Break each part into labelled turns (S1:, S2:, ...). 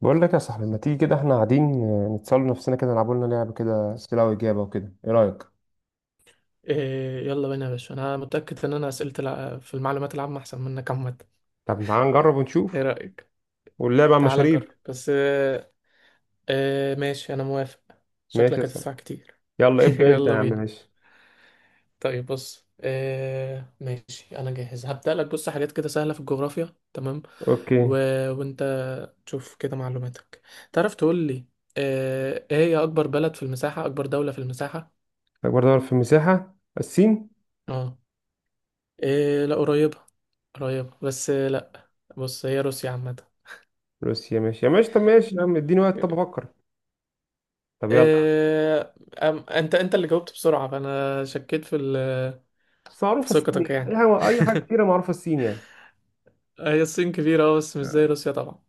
S1: بقول لك يا صاحبي، ما تيجي كده احنا قاعدين نتسأل نفسنا كده، نلعبوا لنا لعبة كده، أسئلة وإجابة وكده، إيه رأيك؟
S2: إيه، يلا بينا يا باشا. انا متأكد ان انا اسئلة في المعلومات العامة احسن منك عامة.
S1: طب تعال نجرب
S2: ايه
S1: ونشوف.
S2: رأيك؟
S1: واللعبة على
S2: تعال
S1: المشاريب.
S2: نجرب بس إيه. إيه ماشي، انا موافق. شكلك
S1: ماشي يا صاحبي.
S2: هتدفع كتير.
S1: يلا ابدأ أنت يا
S2: يلا
S1: عم.
S2: بينا.
S1: ماشي.
S2: طيب بص إيه، ماشي انا جاهز. هبدأ لك، بص حاجات كده سهلة في الجغرافيا تمام. و...
S1: أوكي.
S2: وانت تشوف كده معلوماتك، تعرف تقول لي إيه هي اكبر بلد في المساحة، اكبر دولة في المساحة؟
S1: أكبر دولة في المساحة الصين.
S2: اه، إيه لا قريبة، قريبة بس لا. بص هي روسيا عامة.
S1: روسيا ماشي يا ماشي. طب ماشي يا عم، اديني وقت طب أفكر. طب يلا.
S2: انت اللي جاوبت بسرعة فانا شكيت في
S1: بس
S2: في
S1: معروفة الصين
S2: ثقتك
S1: يعني،
S2: يعني.
S1: أي حاجة كتيرة معروفة الصين يعني.
S2: هي الصين كبيرة أه، بس مش زي روسيا طبعا.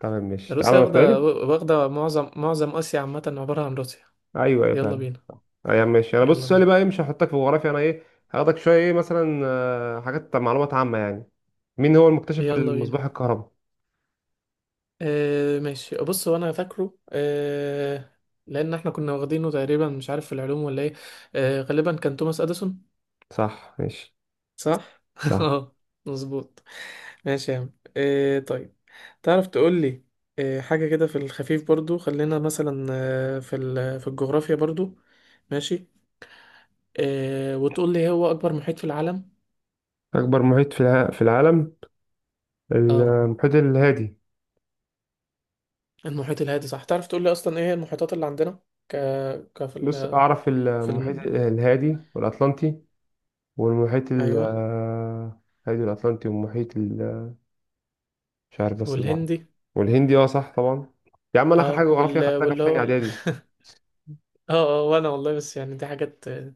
S1: طب ماشي تعالى
S2: روسيا
S1: أنا سؤالي.
S2: واخدة معظم آسيا، عامة عبارة عن روسيا.
S1: أيوه أيوه
S2: يلا
S1: فعلا.
S2: بينا.
S1: ايوه ماشي، انا
S2: يلا
S1: بص
S2: بينا.
S1: سؤالي بقى ايه، مش هحطك في جغرافيا. انا ايه هاخدك شويه، ايه مثلا حاجات معلومات عامه يعني. مين هو المكتشف
S2: يلا بينا.
S1: المصباح الكهرباء؟
S2: آه ماشي، بص هو انا فاكره آه، لان احنا كنا واخدينه تقريبا، مش عارف في العلوم ولا ايه. آه غالبا كان توماس اديسون.
S1: صح ماشي.
S2: صح
S1: صح.
S2: اه. مظبوط. ماشي يا عم، آه طيب تعرف تقول لي آه، حاجة كده في الخفيف برضو، خلينا مثلا آه، في الجغرافيا برضو. ماشي. آه، وتقول لي هو أكبر محيط في العالم.
S1: أكبر محيط في العالم،
S2: اه،
S1: المحيط الهادي.
S2: المحيط الهادي. صح. تعرف تقول لي أصلا إيه هي المحيطات اللي عندنا؟ ك ك
S1: بص أعرف
S2: في
S1: المحيط
S2: الم...
S1: الهادي والأطلنطي والمحيط ال-
S2: أيوه،
S1: آه، الهادي والأطلنطي مش عارف بس اللي أعرفه.
S2: والهندي.
S1: والهندي اه صح طبعا. يا عم أنا آخر
S2: اه،
S1: حاجة جغرافيا خدتها كانت في تاني إعدادي.
S2: اه. اه، وأنا والله بس يعني دي حاجات آه،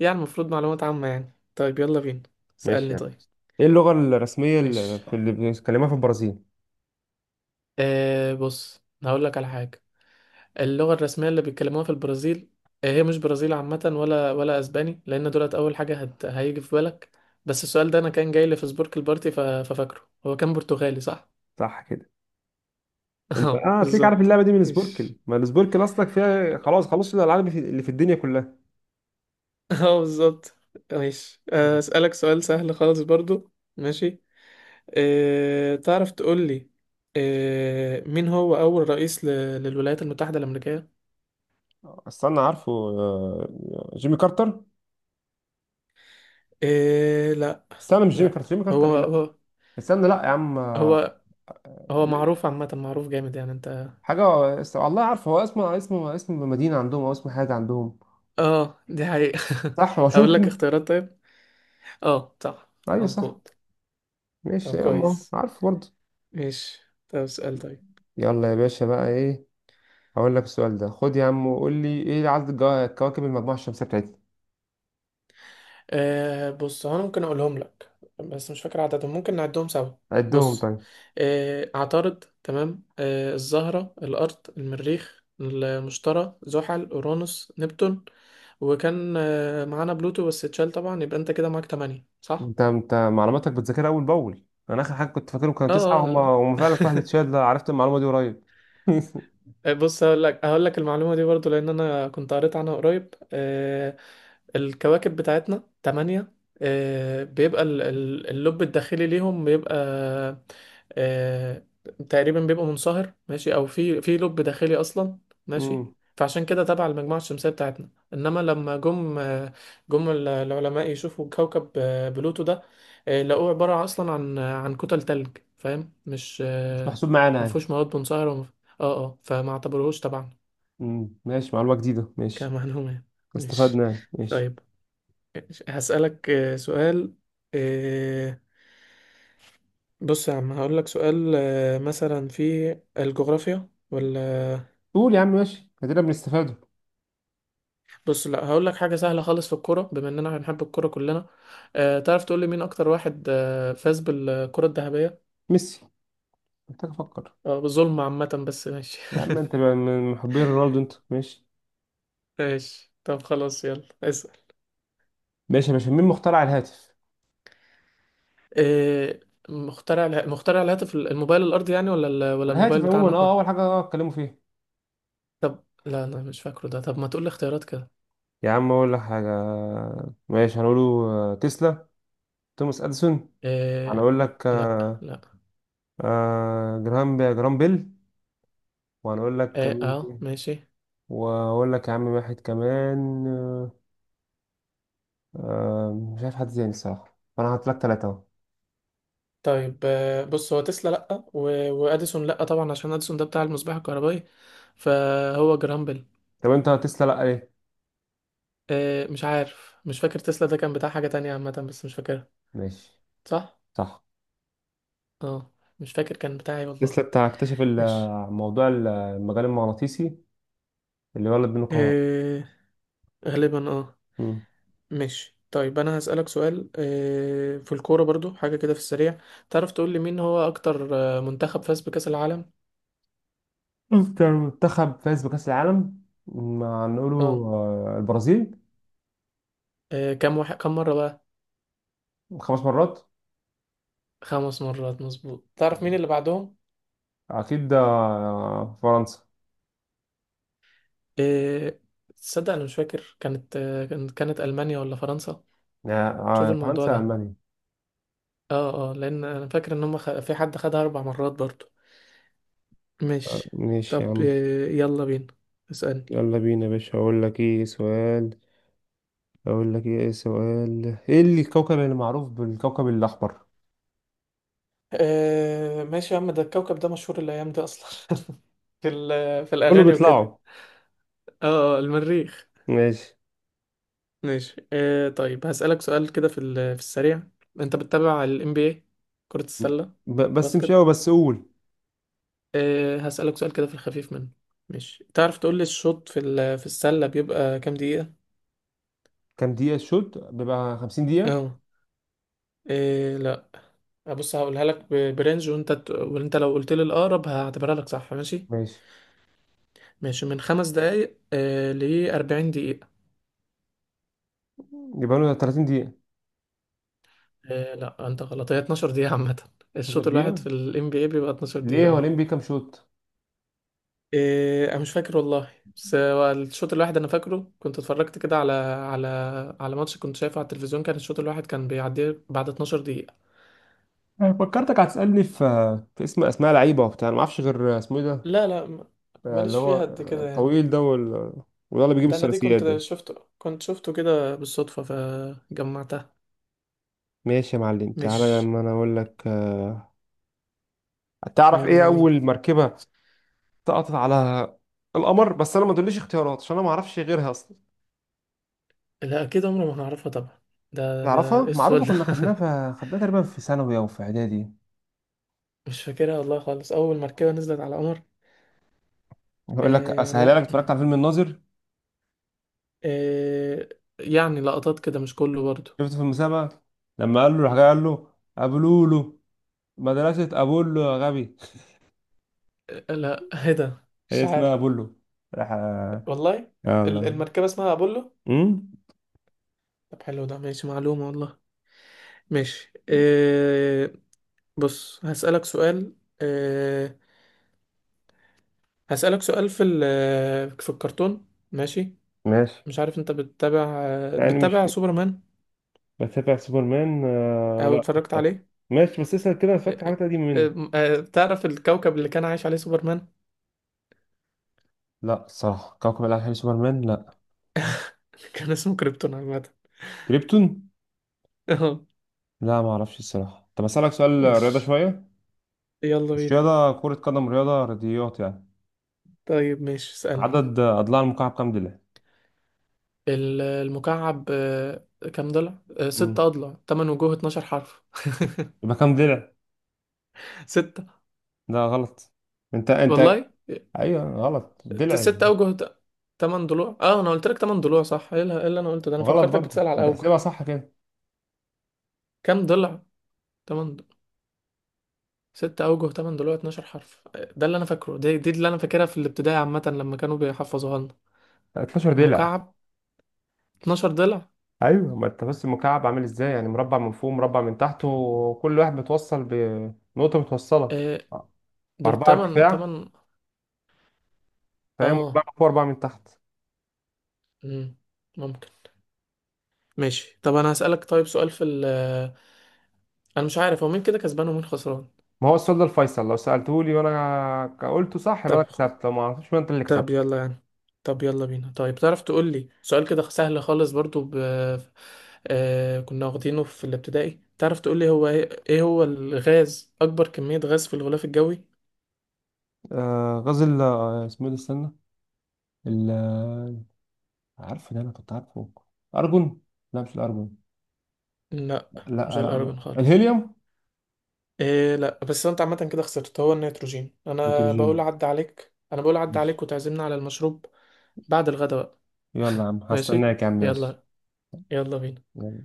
S2: يعني المفروض معلومات عامة يعني. طيب يلا بينا، اسألني
S1: ماشي يعني.
S2: طيب.
S1: إيه اللغة الرسمية
S2: ماشي،
S1: اللي بيتكلموها في البرازيل؟
S2: آه بص هقول لك على حاجة. اللغة الرسمية اللي بيتكلموها في البرازيل، آه، هي مش برازيل عامة، ولا أسباني لأن دولت أول حاجة هيجي في بالك. بس السؤال ده أنا كان جاي لي في سبورك البارتي، ففاكره هو كان برتغالي صح؟
S1: صح كده. انت
S2: اه
S1: اه هتلاقيك عارف
S2: بالظبط.
S1: اللعبه دي من سبوركل،
S2: ماشي.
S1: ما السبوركل اصلك فيها خلاص خلاص الالعاب اللي في الدنيا كلها.
S2: اه بالظبط. ماشي آه، أسألك سؤال سهل خالص برضو. ماشي. تعرف تقول لي مين هو أول رئيس للولايات المتحدة الأمريكية؟
S1: استنى عارفه جيمي كارتر.
S2: أه... لا.
S1: استنى مش جيمي
S2: لا.
S1: كارتر، جيمي
S2: هو
S1: كارتر إيه؟ لا.
S2: هو
S1: استنى لا يا عم
S2: هو هو معروف عامة، معروف جامد يعني انت.
S1: حاجه. والله عارفه، هو اسمه اسم مدينه عندهم او اسم حاجه عندهم.
S2: اه دي حقيقة.
S1: صح
S2: اقول لك
S1: واشنطن.
S2: اختيارات طيب؟ اه صح،
S1: ايوه صح.
S2: مظبوط.
S1: ماشي
S2: طب
S1: يا عم أهو،
S2: كويس.
S1: عارفه برضه.
S2: ماشي. طب سؤال طيب.
S1: يلا يا باشا بقى ايه. هقول لك السؤال ده خد يا عم، وقول لي ايه عدد كواكب المجموعه الشمسيه بتاعتنا.
S2: آه بص هو انا ممكن اقولهم لك بس مش فاكر عددهم، ممكن نعدهم سوا.
S1: عدهم
S2: بص،
S1: طيب.
S2: آه عطارد، تمام، آه الزهرة، الارض، المريخ، المشتري، زحل، اورانوس، نبتون. وكان آه معانا بلوتو بس اتشال طبعا، يبقى انت كده معاك تمانية صح.
S1: انت معلوماتك بتذاكرها اول باول. انا اخر حاجه كنت فاكرهم
S2: اه
S1: كانوا تسعه، هم
S2: آه.
S1: هم فعلا كل واحد اتشال، ده عرفت المعلومه دي قريب.
S2: آه، بص هقول لك المعلومه دي برضو لان انا كنت قريت عنها قريب. آه، الكواكب بتاعتنا تمانية. آه، بيبقى اللب الداخلي ليهم بيبقى آه، تقريبا بيبقى منصهر، ماشي، او في لب داخلي اصلا. ماشي.
S1: مم.
S2: فعشان كده تبع المجموعة الشمسية بتاعتنا. انما لما جم آه، جم العلماء يشوفوا كوكب آه، بلوتو ده، آه، لقوه عبارة اصلا عن كتل تلج، فاهم؟ مش
S1: مش
S2: آه،
S1: محسوب معانا يعني.
S2: مفهوش مواد منصهرة اه اه، فما اعتبروهوش طبعا
S1: ماشي معلومة جديدة ماشي.
S2: كمعلومة. ماشي.
S1: استفدنا يعني ماشي.
S2: طيب هسألك آه، سؤال آه، بص يا عم هقول لك سؤال آه، مثلا في الجغرافيا ولا،
S1: قول يا عم ماشي، ادينا بنستفاده.
S2: بص لا هقول لك حاجة سهلة خالص في الكورة بما اننا بنحب الكورة كلنا. آه، تعرف تقول لي مين اكتر واحد آه، فاز بالكرة الذهبية؟
S1: ميسي. محتاج افكر.
S2: آه، بظلم عامة بس ماشي.
S1: يا عم انت بقى من محبين رونالدو انت ماشي.
S2: ماشي طب خلاص يلا اسأل.
S1: ماشي يا باشا. مين مخترع الهاتف؟
S2: آه، مخترع الهاتف الموبايل الارضي يعني، ولا ولا الموبايل
S1: الهاتف
S2: بتاعنا
S1: عموما،
S2: احنا؟
S1: اول حاجة اتكلموا فيها.
S2: طب لا لا مش فاكره ده، طب ما تقول لي اختيارات كده.
S1: يا عم اقول لك حاجة. ماشي هنقوله. تسلا، توماس اديسون.
S2: آه
S1: هنقول لك
S2: لا. لا.
S1: جرام بيل. وهنقول لك
S2: اه,
S1: مين
S2: آه
S1: تاني؟
S2: ماشي.
S1: وهقول لك يا عم واحد كمان مش عارف حد تاني الصراحة، فانا هحط لك ثلاثة اهو.
S2: طيب آه بص هو تسلا لا، واديسون لا طبعا عشان اديسون ده بتاع المصباح الكهربائي، فهو جرامبل.
S1: طب انت تسلا لا ليه؟
S2: آه مش عارف، مش فاكر تسلا ده كان بتاع حاجة تانية عامة بس مش فاكرها.
S1: ماشي.
S2: صح.
S1: صح.
S2: اه. مش فاكر كان بتاعي والله.
S1: تسلا بتاع اكتشف
S2: مش
S1: موضوع المجال المغناطيسي اللي ولد بينه كهرباء.
S2: آه. غالبا اه.
S1: مم.
S2: مش طيب. انا هسألك سؤال آه في الكورة برضو حاجة كده في السريع. تعرف تقول لي مين هو اكتر آه، منتخب فاز بكأس العالم؟
S1: أكتر منتخب فاز بكأس العالم؟ ما نقوله
S2: اه.
S1: البرازيل.
S2: آه، كم واحد، كم مرة بقى؟
S1: خمس مرات.
S2: 5 مرات مظبوط. تعرف مين اللي بعدهم؟
S1: أكيد فرنسا.
S2: إيه... تصدق انا مش فاكر كانت آه، كانت المانيا ولا فرنسا؟
S1: آه،
S2: شوف الموضوع
S1: فرنسا
S2: ده.
S1: ألمانيا.
S2: اه اه لان انا فاكر ان هم في حد خدها 4 مرات برضو. ماشي.
S1: ماشي
S2: طب
S1: يا عم.
S2: آه، يلا بينا اسألني.
S1: يلا بينا يا باشا. هقول لك ايه سؤال ايه اللي الكوكب اللي معروف بالكوكب الأحمر؟
S2: آه ماشي يا عم، ده الكوكب ده مشهور الايام دي اصلا. في
S1: كله
S2: الاغاني وكده.
S1: بيطلعوا.
S2: اه آه، المريخ.
S1: ماشي.
S2: ماشي. آه طيب هسألك سؤال كده في السريع، انت بتتابع ال NBA؟ كرة السلة،
S1: بس مش قوي
S2: باسكت.
S1: بس قول.
S2: أه هسألك سؤال كده في الخفيف منه. ماشي، تعرف تقول لي الشوط في السلة بيبقى كام دقيقة؟
S1: كام دقيقة الشوط؟ بيبقى 50 دقيقة.
S2: اه. إيه لا. بص هقولها لك برنج، وانت لو قلت لي الأقرب هعتبرها لك صح، ماشي.
S1: ماشي
S2: ماشي، من 5 دقايق آه ل 40 دقيقة.
S1: يبقى له 30 دقيقة.
S2: آه لا انت غلط، هي 12 دقيقة عامة.
S1: 12
S2: الشوط الواحد في
S1: دقيقة.
S2: ال NBA بيبقى 12
S1: ليه
S2: دقيقة
S1: هو
S2: اه.
S1: الام بي كام شوط؟
S2: إيه انا مش فاكر والله، بس هو الشوط الواحد انا فاكره، كنت اتفرجت كده على ماتش كنت شايفه على التلفزيون، كان الشوط الواحد كان بيعدي بعد 12 دقيقة.
S1: أنا فكرتك هتسألني في اسم اسماء لعيبة وبتاع، انا ما اعرفش غير اسمه ايه ده
S2: لا لا
S1: اللي
S2: ماليش
S1: هو
S2: فيها قد كده يعني.
S1: الطويل ده وده اللي بيجيب
S2: ده انا دي
S1: الثلاثيات ده.
S2: كنت شفته كده بالصدفة فجمعتها.
S1: ماشي يا معلم، تعالى
S2: مش
S1: لما انا اقول لك تعرف
S2: يلا
S1: ايه
S2: بينا.
S1: اول مركبة سقطت على القمر؟ بس انا ما تقوليش اختيارات عشان انا ما اعرفش غيرها اصلا.
S2: لا اكيد عمري ما هعرفها طبعا، ده
S1: تعرفها
S2: ايه السؤال
S1: معروفة،
S2: ده؟
S1: كنا خدناها تقريبا في ثانوي او في اعدادي.
S2: مش فاكرها والله خالص، اول مركبة نزلت على القمر.
S1: اقول لك
S2: آه
S1: اسهلها لك،
S2: لا ما.
S1: اتفرجت على فيلم الناظر؟
S2: آه، يعني لقطات كده مش كله برضو.
S1: شفت في المسابقة لما قال له راح جاي قال له أبولولو، مدرسة أبولو يا غبي.
S2: آه لا. ايه ده مش
S1: هي اسمها
S2: عارف
S1: أبولو. راح
S2: والله.
S1: يا الله.
S2: المركبة اسمها أبولو؟
S1: أمم؟
S2: طب حلو ده ماشي، معلومة والله. ماشي آه بص هسألك سؤال. أه هسألك سؤال في ال، في الكرتون. ماشي.
S1: ماشي
S2: مش عارف انت بتتابع آه،
S1: يعني.
S2: بتتابع
S1: مش
S2: سوبرمان
S1: بتابع سوبرمان آه
S2: او
S1: لا.
S2: اتفرجت عليه؟
S1: ماشي بس اسأل كده، أنا
S2: أه
S1: فاكر
S2: آه،
S1: حاجات قديمة مني.
S2: آه، آه، تعرف الكوكب اللي كان عايش عليه سوبرمان؟
S1: لا الصراحة كوكب الألعاب حلو. سوبرمان لا.
S2: كان اسمه كريبتون عامة.
S1: كريبتون.
S2: اه.
S1: لا ما أعرفش الصراحة. طب أسألك سؤال رياضة
S2: ماشي.
S1: شوية،
S2: يلا
S1: مش
S2: بينا.
S1: رياضة كرة قدم، رياضة رياضيات يعني.
S2: طيب ماشي اسألني.
S1: عدد أضلاع المكعب كام ضلع؟
S2: المكعب آه، كام ضلع؟ آه،
S1: مم.
S2: 6 أضلاع، 8 وجوه، 12 حرف.
S1: يبقى كام ضلع؟
S2: 6.
S1: لا غلط. انت.
S2: والله،
S1: ايوه غلط دلع.
S2: 6 اوجه، تمن ضلوع. اه انا قلت لك 8 ضلوع صح، ايه اللي إيه اللي انا قلته ده؟ انا
S1: غلط
S2: فكرتك
S1: برضه،
S2: بتسأل على
S1: ما
S2: اوجه.
S1: تحسبها صح كده.
S2: كام ضلع؟ تمن ض- 6 اوجه، 8 ضلوع، 12 حرف. ده اللي انا فاكره، دي اللي انا فاكرها في الابتدائي عامة لما كانوا بيحفظوها لنا.
S1: 13 دلع.
S2: مكعب، 12 ضلع.
S1: ايوه ما انت بس المكعب عامل ازاي يعني، مربع من فوق مربع من تحت، وكل واحد متوصل بنقطه متوصله
S2: آه، دول
S1: باربعه ارتفاع.
S2: تمن.
S1: فهي مربع
S2: اه.
S1: من فوق اربعه من تحت.
S2: مم. ممكن. ماشي طب انا هسألك طيب سؤال في ال، انا مش عارف هو مين كده كسبان ومين خسران.
S1: ما هو السؤال ده الفيصل، لو سالته لي وانا قلته صح يبقى
S2: طب.
S1: انا كسبت، لو ما عرفتش يبقى انت اللي كسبت.
S2: طب يلا يعني. طب يلا بينا. طيب تعرف تقول لي سؤال كده سهل خالص برضو آه... كنا واخدينه في الابتدائي. تعرف تقول لي هو ايه، إيه هو الغاز اكبر كمية غاز في الغلاف الجوي؟
S1: آه غزل اسمه ايه ده استنى. ال آه، عارفه، ده انا كنت عارفه. ارجون. لا مش الارجون.
S2: لا
S1: لا
S2: مش
S1: لا لا.
S2: الارجون خالص.
S1: الهيليوم.
S2: إيه لا، بس انت عامة كده خسرت، هو النيتروجين. انا بقول
S1: نيتروجين.
S2: عد عليك، انا بقول عد عليك
S1: ماشي.
S2: وتعزمنا على المشروب بعد الغداء بقى.
S1: يلا يا عم
S2: ماشي.
S1: هستناك يا عم ماشي.
S2: يلا. يلا بينا.
S1: يلا.